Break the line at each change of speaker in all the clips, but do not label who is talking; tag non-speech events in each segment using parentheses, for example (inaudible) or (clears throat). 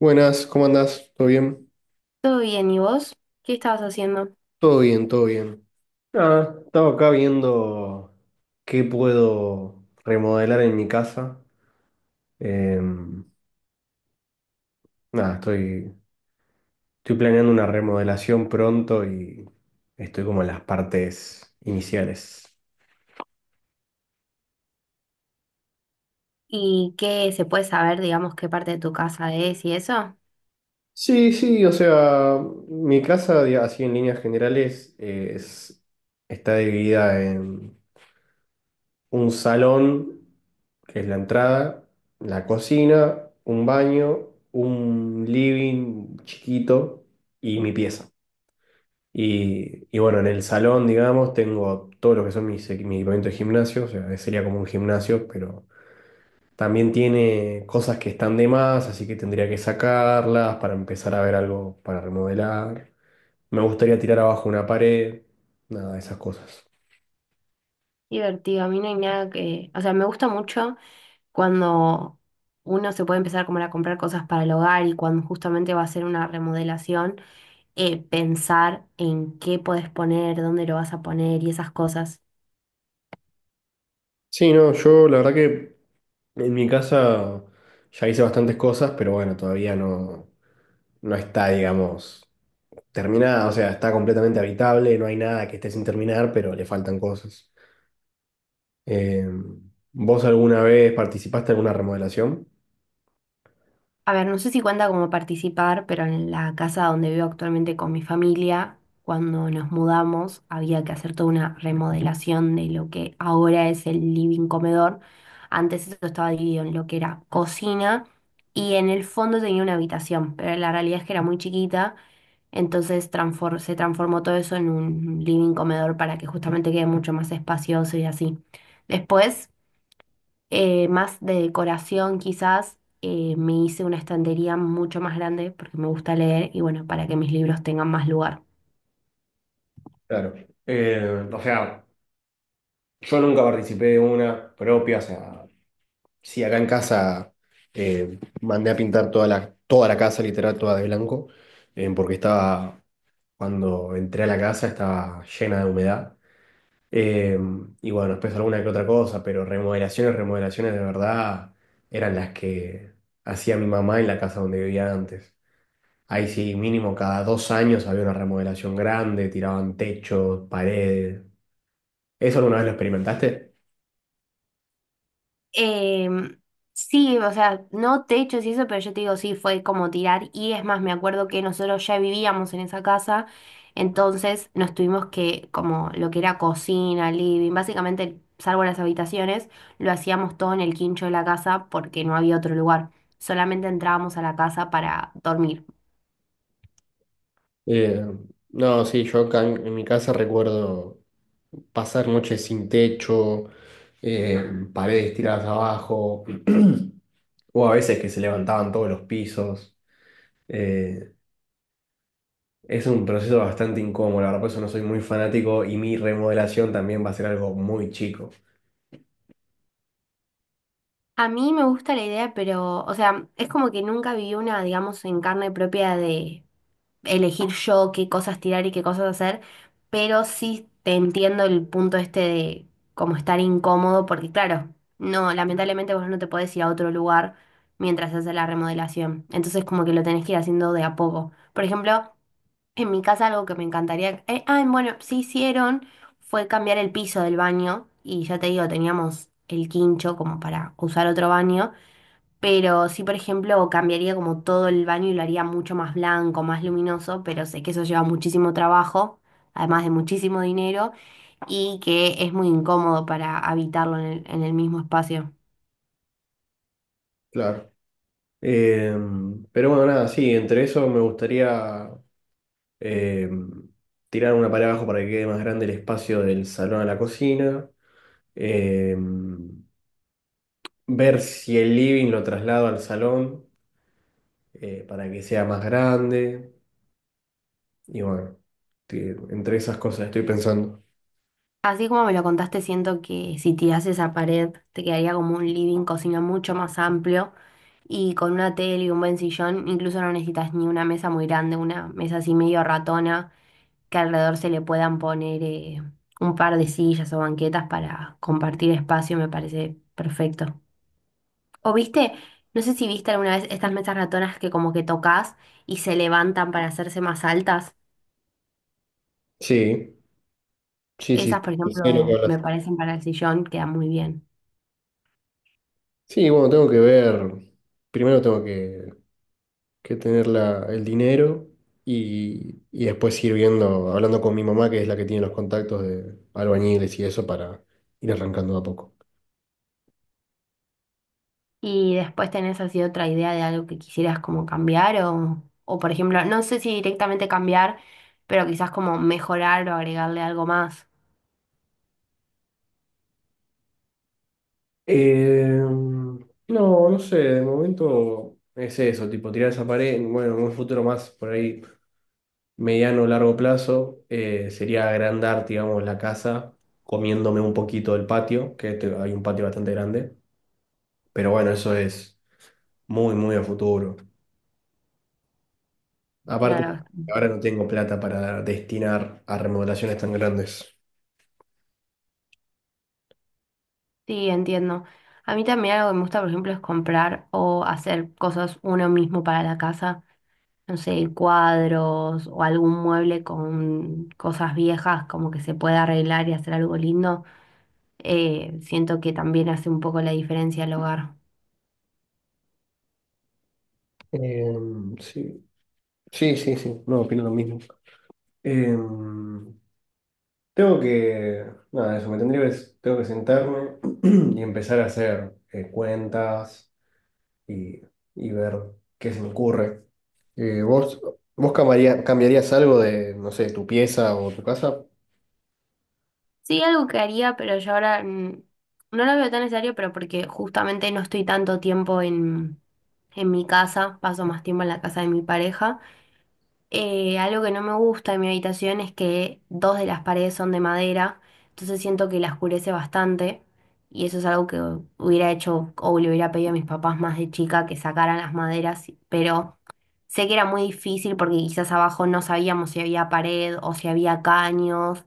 Buenas, ¿cómo andás? ¿Todo bien?
Todo bien, ¿y vos? ¿Qué estabas haciendo?
Todo bien, todo bien. Nada, estaba acá viendo qué puedo remodelar en mi casa. Em, Nada, estoy planeando una remodelación pronto y estoy como en las partes iniciales.
¿Y qué se puede saber, digamos, qué parte de tu casa es y eso?
Sí, sí, o sea, mi casa, así en líneas generales, está dividida en un salón, que es la entrada, la cocina, un baño, un living chiquito y mi pieza. Y bueno, en el salón, digamos, tengo todo lo que son mis, mi equipamiento de gimnasio, o sea, sería como un gimnasio, pero también tiene cosas que están de más, así que tendría que sacarlas para empezar a ver algo para remodelar. Me gustaría tirar abajo una pared, nada de esas cosas.
Divertido, a mí no hay nada que... O sea, me gusta mucho cuando uno se puede empezar como a comprar cosas para el hogar y cuando justamente va a hacer una remodelación, pensar en qué podés poner, dónde lo vas a poner y esas cosas.
Sí, no, yo la verdad que en mi casa ya hice bastantes cosas, pero bueno, todavía no está, digamos, terminada. O sea, está completamente habitable, no hay nada que esté sin terminar, pero le faltan cosas. Eh, ¿Vos alguna vez participaste en alguna remodelación?
A ver, no sé si cuenta como participar, pero en la casa donde vivo actualmente con mi familia, cuando nos mudamos, había que hacer toda una remodelación de lo que ahora es el living comedor. Antes eso estaba dividido en lo que era cocina y en el fondo tenía una habitación, pero la realidad es que era muy chiquita, entonces se transformó todo eso en un living comedor para que justamente quede mucho más espacioso y así. Después más de decoración quizás, me hice una estantería mucho más grande porque me gusta leer y bueno, para que mis libros tengan más lugar.
Claro. O sea, yo nunca participé de una propia, o sea, sí, acá en casa mandé a pintar toda la casa, literal, toda de blanco, eh, porque estaba, cuando entré a la casa estaba llena de humedad. Eh, y bueno, después alguna que otra cosa, pero remodelaciones, remodelaciones de verdad eran las que hacía mi mamá en la casa donde vivía antes. Ahí sí, mínimo cada dos años había una remodelación grande, tiraban techos, paredes. ¿Eso alguna vez lo experimentaste?
Em, sí, o sea, no techos y eso, pero yo te digo, sí, fue como tirar. Y es más, me acuerdo que nosotros ya vivíamos en esa casa, entonces nos tuvimos que, como lo que era cocina, living, básicamente, salvo las habitaciones, lo hacíamos todo en el quincho de la casa porque no había otro lugar. Solamente entrábamos a la casa para dormir.
Eh, no, sí, yo acá en mi casa recuerdo pasar noches sin techo, eh, paredes tiradas abajo, (clears throat) o a veces que se levantaban todos los pisos. Eh, es un proceso bastante incómodo, la verdad, por eso no soy muy fanático y mi remodelación también va a ser algo muy chico.
A mí me gusta la idea, pero, o sea, es como que nunca viví una, digamos, en carne propia de elegir yo qué cosas tirar y qué cosas hacer, pero sí te entiendo el punto este de como estar incómodo, porque claro, no, lamentablemente vos no te podés ir a otro lugar mientras haces la remodelación, entonces como que lo tenés que ir haciendo de a poco. Por ejemplo, en mi casa algo que me encantaría... bueno, sí hicieron fue cambiar el piso del baño y ya te digo, teníamos el quincho como para usar otro baño, pero sí, por ejemplo, cambiaría como todo el baño y lo haría mucho más blanco, más luminoso, pero sé que eso lleva muchísimo trabajo, además de muchísimo dinero y que es muy incómodo para habitarlo en el mismo espacio.
Claro. Pero bueno, nada, sí, entre eso me gustaría em, tirar una pared abajo para que quede más grande el espacio del salón a la cocina. Eh, Ver si el living lo traslado al salón para que sea más grande. Y bueno, entre esas cosas estoy pensando.
Así como me lo contaste, siento que si tirás esa pared te quedaría como un living, cocina mucho más amplio y con una tele y un buen sillón, incluso no necesitas ni una mesa muy grande, una mesa así medio ratona, que alrededor se le puedan poner un par de sillas o banquetas para compartir espacio, me parece perfecto. O viste, no sé si viste alguna vez estas mesas ratonas que como que tocas y se levantan para hacerse más altas.
Sí, sí, sí,
Esas, por
sí, sé lo que
ejemplo, me
hablas.
parecen para el sillón, quedan muy bien.
Sí, bueno, tengo que ver. Primero que tener el dinero y después ir viendo, hablando con mi mamá, que es la que tiene los contactos de albañiles y eso, para ir arrancando de a poco.
Y después tenés así otra idea de algo que quisieras como cambiar o por ejemplo, no sé si directamente cambiar, pero quizás como mejorar o agregarle algo más.
Eh, no sé, de momento es eso, tipo tirar esa pared, bueno, en un futuro más por ahí mediano o largo plazo, sería agrandar, digamos, la casa, comiéndome un poquito del patio, que hay un patio bastante grande, pero bueno, eso es muy, muy a futuro. Aparte,
Claro,
ahora no tengo plata para destinar a remodelaciones tan grandes.
sí, entiendo. A mí también algo que me gusta, por ejemplo, es comprar o hacer cosas uno mismo para la casa. No sé, cuadros o algún mueble con cosas viejas, como que se pueda arreglar y hacer algo lindo. Siento que también hace un poco la diferencia al hogar.
Eh, sí, sí, sí, sí, no, opino lo mismo. Eh, Tengo que, Nada, eso, tengo que sentarme (clears throat) y empezar a hacer cuentas y, y ver qué se me ocurre. Eh, ¿vos, Vos cambiarías algo de, no sé, ¿tu pieza o tu casa?
Sí, algo que haría, pero yo ahora no lo veo tan necesario, pero porque justamente no estoy tanto tiempo en mi casa, paso más tiempo en la casa de mi pareja. Algo que no me gusta de mi habitación es que dos de las paredes son de madera, entonces siento que la oscurece bastante y eso es algo que hubiera hecho o le hubiera pedido a mis papás más de chica que sacaran las maderas, pero sé que era muy difícil porque quizás abajo no sabíamos si había pared o si había caños.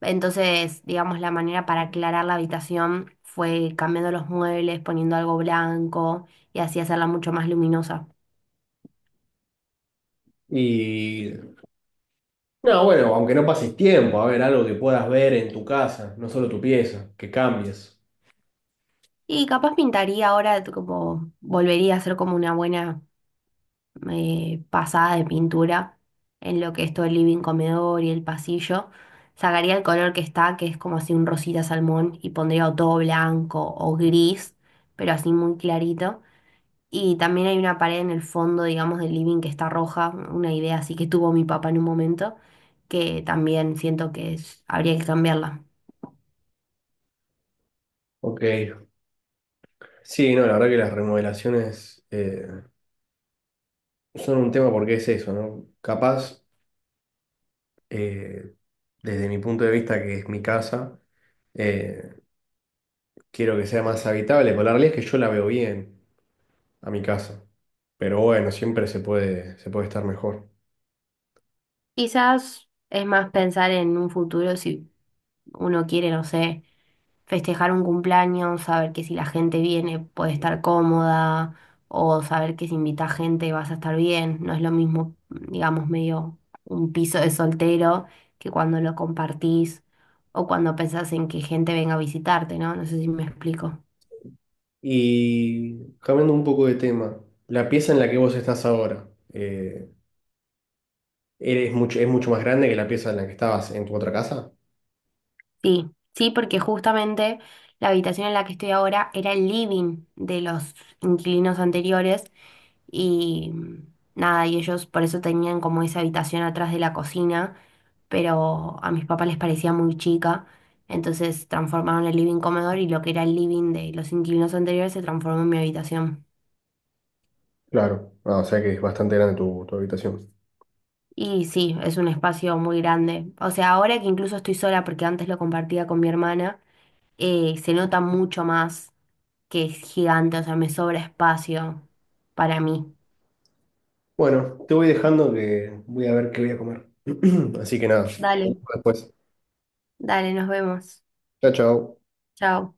Entonces, digamos, la manera para aclarar la habitación fue cambiando los muebles, poniendo algo blanco y así hacerla mucho más luminosa.
Y no, bueno, aunque no pases tiempo, a ver, algo que puedas ver en tu casa, no solo tu pieza, que cambies.
Y capaz pintaría ahora, como volvería a hacer como una buena pasada de pintura en lo que es todo el living, comedor y el pasillo. Sacaría el color que está, que es como así un rosita salmón, y pondría o todo blanco o gris, pero así muy clarito. Y también hay una pared en el fondo, digamos, del living que está roja, una idea así que tuvo mi papá en un momento, que también siento que habría que cambiarla.
Ok. Sí, no, la verdad que las remodelaciones son un tema porque es eso, ¿no? Capaz. eh, Desde mi punto de vista, que es mi casa, eh, quiero que sea más habitable, pero la realidad es que yo la veo bien a mi casa. Pero bueno, siempre se puede estar mejor.
Quizás es más pensar en un futuro si uno quiere, no sé, festejar un cumpleaños, saber que si la gente viene puede estar cómoda o saber que si invita gente vas a estar bien. No es lo mismo, digamos, medio un piso de soltero que cuando lo compartís o cuando pensás en que gente venga a visitarte, ¿no? No sé si me explico.
Y cambiando un poco de tema, la pieza en la que vos estás ahora, ¿ es mucho más grande que la pieza en la que estabas en tu otra casa?
Sí, sí, porque justamente la habitación en la que estoy ahora era el living de los inquilinos anteriores. Y nada, y ellos por eso tenían como esa habitación atrás de la cocina, pero a mis papás les parecía muy chica, entonces transformaron el living comedor y lo que era el living de los inquilinos anteriores se transformó en mi habitación.
Claro. Ah, o sea que es bastante grande tu habitación.
Y sí, es un espacio muy grande. O sea, ahora que incluso estoy sola, porque antes lo compartía con mi hermana, se nota mucho más que es gigante, o sea, me sobra espacio para mí.
Bueno, te voy dejando que voy a ver qué voy a comer. (clears throat) Así que nada, nos vemos
Dale,
después.
dale, nos vemos.
Chao, chao.
Chao.